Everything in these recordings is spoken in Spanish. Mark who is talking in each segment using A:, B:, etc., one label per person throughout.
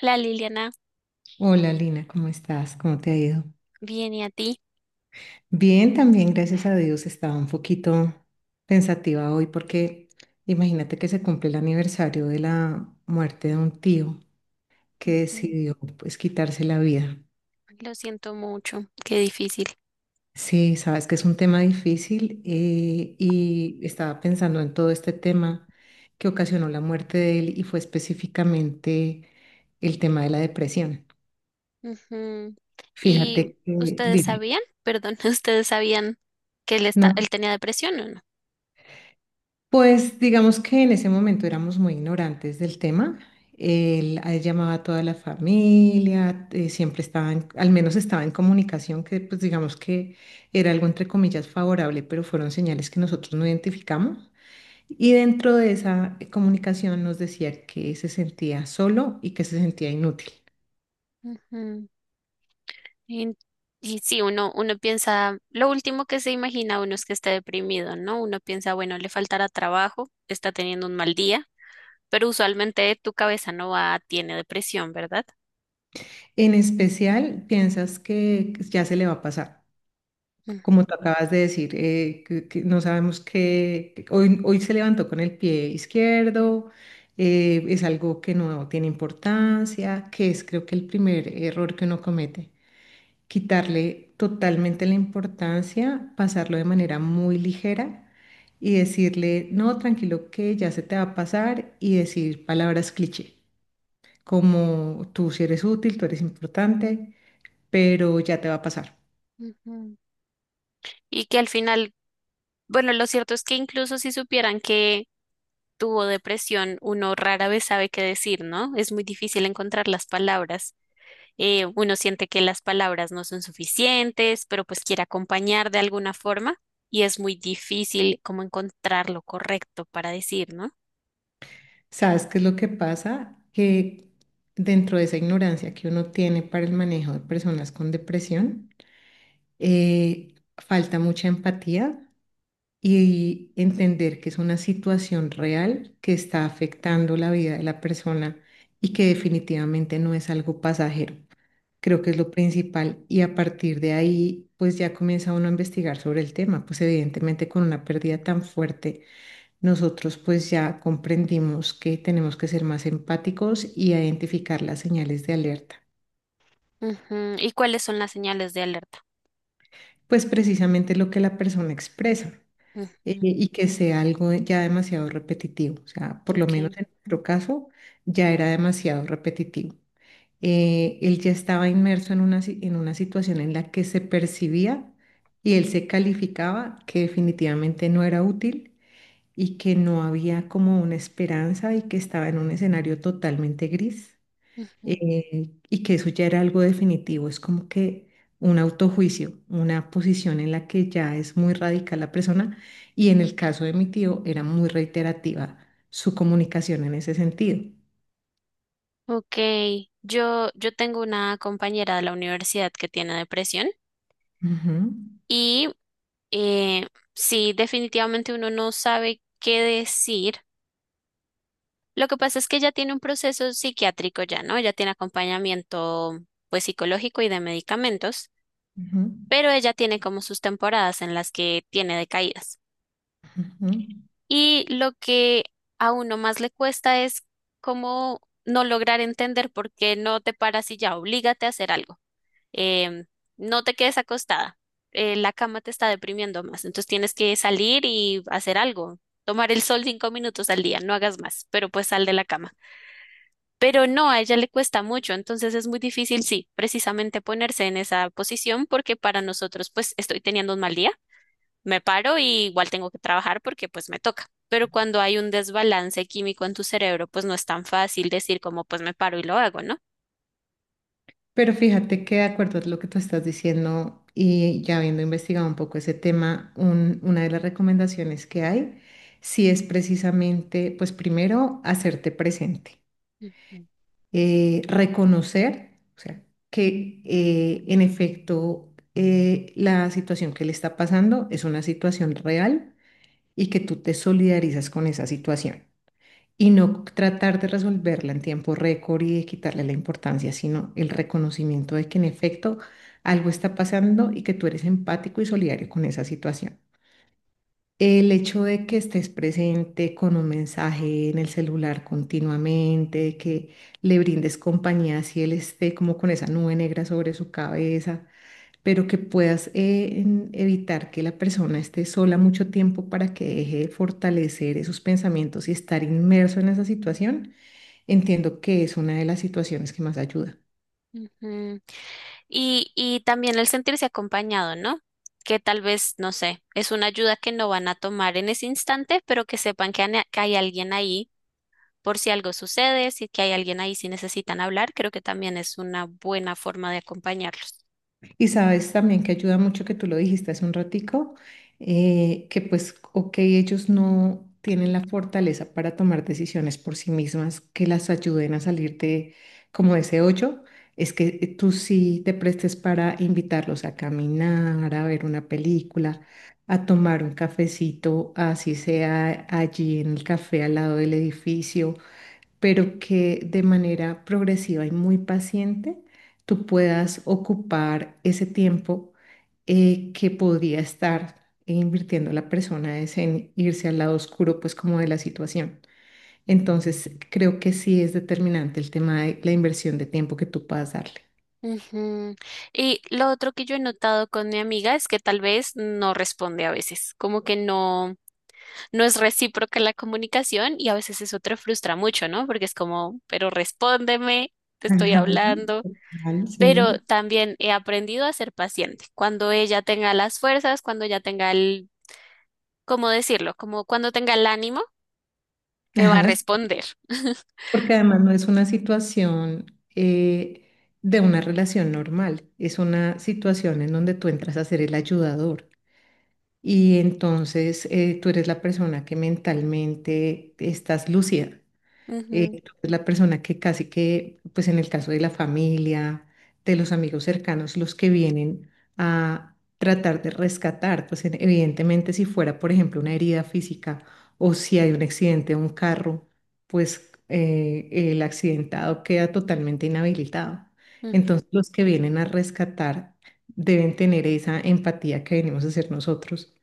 A: Hola Liliana,
B: Hola Lina, ¿cómo estás? ¿Cómo te ha ido?
A: bien y a ti.
B: Bien, también gracias a Dios. Estaba un poquito pensativa hoy porque imagínate que se cumple el aniversario de la muerte de un tío que
A: Ujú.
B: decidió pues quitarse la vida.
A: Lo siento mucho, qué difícil.
B: Sí, sabes que es un tema difícil y estaba pensando en todo este tema que ocasionó la muerte de él, y fue específicamente el tema de la depresión.
A: Ujú.
B: Fíjate
A: ¿Y
B: que,
A: ustedes
B: dime,
A: sabían? Perdón, ¿ustedes sabían que
B: ¿no?
A: él tenía depresión o no?
B: Pues digamos que en ese momento éramos muy ignorantes del tema. A él llamaba a toda la familia, siempre estaba, al menos estaba en comunicación, que pues digamos que era algo entre comillas favorable, pero fueron señales que nosotros no identificamos. Y dentro de esa comunicación nos decía que se sentía solo y que se sentía inútil.
A: Ujú. Y, y sí, uno piensa, lo último que se imagina uno es que esté deprimido, ¿no? Uno piensa, bueno, le faltará trabajo, está teniendo un mal día, pero usualmente tu cabeza no va, tiene depresión, ¿verdad?
B: En especial, piensas que ya se le va a pasar,
A: Ujú,
B: como tú acabas de decir, que no sabemos qué, que hoy se levantó con el pie izquierdo, es algo que no tiene importancia, que es, creo que el primer error que uno comete, quitarle totalmente la importancia, pasarlo de manera muy ligera y decirle, no, tranquilo, que ya se te va a pasar, y decir palabras cliché, como tú si eres útil, tú eres importante, pero ya te va a pasar.
A: ujú. Y que al final, bueno, lo cierto es que incluso si supieran que tuvo depresión, uno rara vez sabe qué decir, ¿no? Es muy difícil encontrar las palabras. Uno siente que las palabras no son suficientes, pero pues quiere acompañar de alguna forma y es muy difícil como encontrar lo correcto para decir, ¿no?
B: ¿Sabes qué es lo que pasa? Que dentro de esa ignorancia que uno tiene para el manejo de personas con depresión, falta mucha empatía y entender que es una situación real que está afectando la vida de la persona y que definitivamente no es algo pasajero. Creo que es lo principal, y a partir de ahí, pues ya comienza uno a investigar sobre el tema. Pues evidentemente, con una pérdida tan fuerte, nosotros pues ya comprendimos que tenemos que ser más empáticos y identificar las señales de alerta.
A: Ujú. ¿Y cuáles son las señales de alerta?
B: Pues precisamente lo que la persona expresa,
A: Ujú.
B: y que sea algo ya demasiado repetitivo. O sea, por lo menos
A: Ok.
B: en nuestro caso ya era demasiado repetitivo. Él ya estaba inmerso en una, en una situación en la que se percibía y él se calificaba que definitivamente no era útil y que no había como una esperanza y que estaba en un escenario totalmente gris.
A: Ujú.
B: Y que eso ya era algo definitivo, es como que un autojuicio, una posición en la que ya es muy radical la persona, y en el caso de mi tío era muy reiterativa su comunicación en ese sentido.
A: Ok, yo tengo una compañera de la universidad que tiene depresión
B: Ujú,
A: y eh, sí, definitivamente uno no sabe qué decir. Lo que pasa es que ella tiene un proceso psiquiátrico ya, ¿no? Ella tiene acompañamiento, pues, psicológico y de medicamentos,
B: ujú,
A: pero ella tiene como sus temporadas en las que tiene decaídas.
B: ujú.
A: Y lo que a uno más le cuesta es cómo no lograr entender por qué no te paras y ya, oblígate a hacer algo. Em, no te quedes acostada. La cama te está deprimiendo más, entonces tienes que salir y hacer algo. Tomar el sol 5 minutos al día, no hagas más, pero pues sal de la cama. Pero no, a ella le cuesta mucho, entonces es muy difícil, sí, precisamente ponerse en esa posición porque para nosotros, pues estoy teniendo un mal día, me paro y igual tengo que trabajar porque pues me toca. Pero cuando hay un desbalance químico en tu cerebro, pues no es tan fácil decir como pues me paro y lo hago, ¿no?
B: Pero fíjate que de acuerdo a lo que tú estás diciendo, y ya habiendo investigado un poco ese tema, una de las recomendaciones que hay, sí es precisamente, pues primero, hacerte presente.
A: Ujú.
B: Reconocer, o sea, que en efecto, la situación que le está pasando es una situación real y que tú te solidarizas con esa situación. Y no tratar de resolverla en tiempo récord y de quitarle la importancia, sino el reconocimiento de que en efecto algo está pasando y que tú eres empático y solidario con esa situación. El hecho de que estés presente con un mensaje en el celular continuamente, de que le brindes compañía si él esté como con esa nube negra sobre su cabeza, pero que puedas evitar que la persona esté sola mucho tiempo para que deje de fortalecer esos pensamientos y estar inmerso en esa situación, entiendo que es una de las situaciones que más ayuda.
A: Ujú. Y también el sentirse acompañado, ¿no? Que tal vez, no sé, es una ayuda que no van a tomar en ese instante, pero que sepan que, que hay alguien ahí por si algo sucede, si que hay alguien ahí si necesitan hablar, creo que también es una buena forma de acompañarlos.
B: Y sabes también que ayuda mucho, que tú lo dijiste hace un ratico, que pues, ok, ellos no tienen la fortaleza para tomar decisiones por sí mismas que las ayuden a salir de como de ese hoyo, es que tú sí te prestes para invitarlos a caminar, a ver una película, a tomar un cafecito, así sea allí en el café al lado del edificio, pero que de manera progresiva y muy paciente tú puedas ocupar ese tiempo que podría estar invirtiendo la persona, es en irse al lado oscuro, pues como de la situación. Entonces, creo que sí es determinante el tema de la inversión de tiempo que tú puedas darle.
A: Ujú. Y lo otro que yo he notado con mi amiga es que tal vez no responde a veces, como que no, no es recíproca la comunicación y a veces eso te frustra mucho, ¿no? Porque es como, pero respóndeme, te estoy
B: Ajá,
A: hablando.
B: vale,
A: Pero
B: sí.
A: también he aprendido a ser paciente. Cuando ella tenga las fuerzas, cuando ella tenga el, ¿cómo decirlo? Como cuando tenga el ánimo, me va a
B: Ajá, sí,
A: responder.
B: porque además no es una situación eh, de una relación normal, es una situación en donde tú entras a ser el ayudador. Y entonces tú eres la persona que mentalmente estás lúcida.
A: Ujú,
B: Tú eres la persona que casi que, pues en el caso de la familia, de los amigos cercanos, los que vienen a tratar de rescatar, pues evidentemente si fuera, por ejemplo, una herida física, o si hay un accidente de un carro, pues el accidentado queda totalmente inhabilitado.
A: ujú.
B: Entonces los que vienen a rescatar deben tener esa empatía que venimos a hacer nosotros,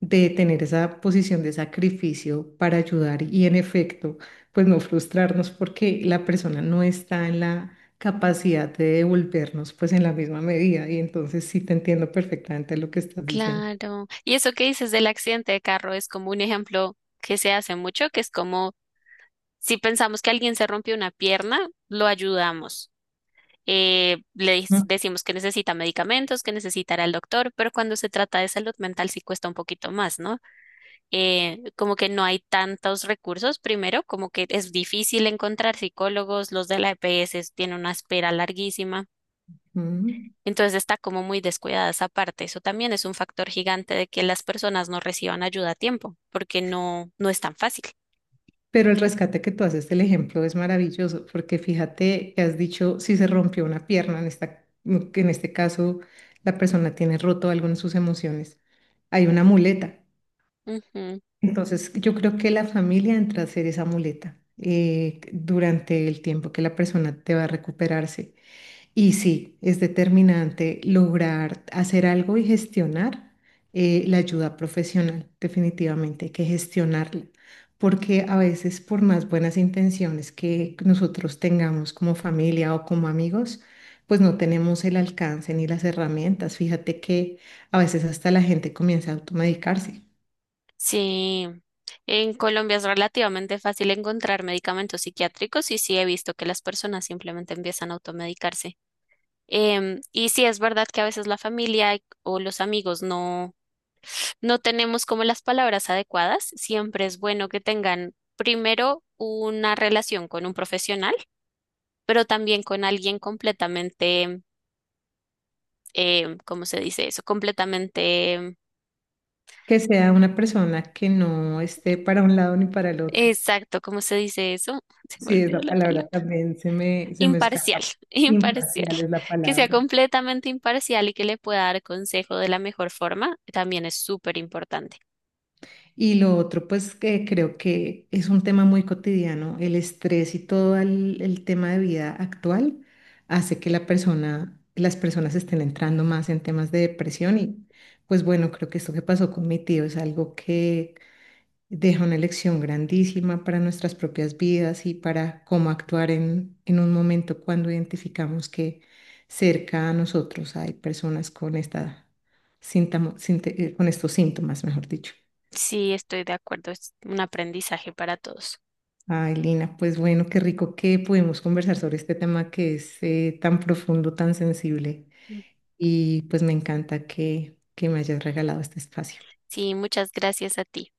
B: de tener esa posición de sacrificio para ayudar, y en efecto pues no frustrarnos porque la persona no está en la capacidad de devolvernos pues en la misma medida. Y entonces sí te entiendo perfectamente lo que estás diciendo.
A: Claro. Y eso que dices del accidente de carro es como un ejemplo que se hace mucho, que es como si pensamos que alguien se rompió una pierna, lo ayudamos. Decimos que necesita medicamentos, que necesitará el doctor, pero cuando se trata de salud mental sí cuesta un poquito más, ¿no? Como que no hay tantos recursos, primero, como que es difícil encontrar psicólogos, los de la EPS tienen una espera larguísima.
B: Ujú.
A: Entonces está como muy descuidada esa parte. Eso también es un factor gigante de que las personas no reciban ayuda a tiempo, porque no, no es tan fácil.
B: Pero el rescate que tú haces del ejemplo es maravilloso, porque fíjate que has dicho si se rompió una pierna, en esta, que en este caso la persona tiene roto algo en sus emociones, hay una muleta.
A: Ujú.
B: Entonces yo creo que la familia entra a ser esa muleta durante el tiempo que la persona te va a recuperarse. Y sí, es determinante lograr hacer algo y gestionar la ayuda profesional. Definitivamente hay que gestionarla, porque a veces por más buenas intenciones que nosotros tengamos como familia o como amigos, pues no tenemos el alcance ni las herramientas. Fíjate que a veces hasta la gente comienza a automedicarse,
A: Sí, en Colombia es relativamente fácil encontrar medicamentos psiquiátricos y sí he visto que las personas simplemente empiezan a automedicarse. Y sí es verdad que a veces la familia o los amigos no. No tenemos como las palabras adecuadas, siempre es bueno que tengan primero una relación con un profesional, pero también con alguien completamente, ¿cómo se dice eso? Completamente,
B: que sea una persona que no esté para un lado ni para el otro.
A: exacto, ¿cómo se dice eso? Se me
B: Sí,
A: olvidó
B: esa
A: la
B: palabra
A: palabra.
B: también se me
A: Imparcial,
B: escapa.
A: imparcial.
B: Imparcial es la
A: Que sea
B: palabra.
A: completamente imparcial y que le pueda dar consejo de la mejor forma, también es súper importante.
B: Y lo otro, pues que creo que es un tema muy cotidiano, el estrés y todo el tema de vida actual hace que las personas estén entrando más en temas de depresión. Y pues bueno, creo que esto que pasó con mi tío es algo que deja una lección grandísima para nuestras propias vidas y para cómo actuar en un momento cuando identificamos que cerca a nosotros hay personas con esta con estos síntomas, mejor dicho.
A: Sí, estoy de acuerdo, es un aprendizaje para todos.
B: Ay, Lina, pues bueno, qué rico que pudimos conversar sobre este tema que es tan profundo, tan sensible,
A: Mm.
B: y pues me encanta que me hayas regalado este espacio.
A: Sí, muchas gracias a ti.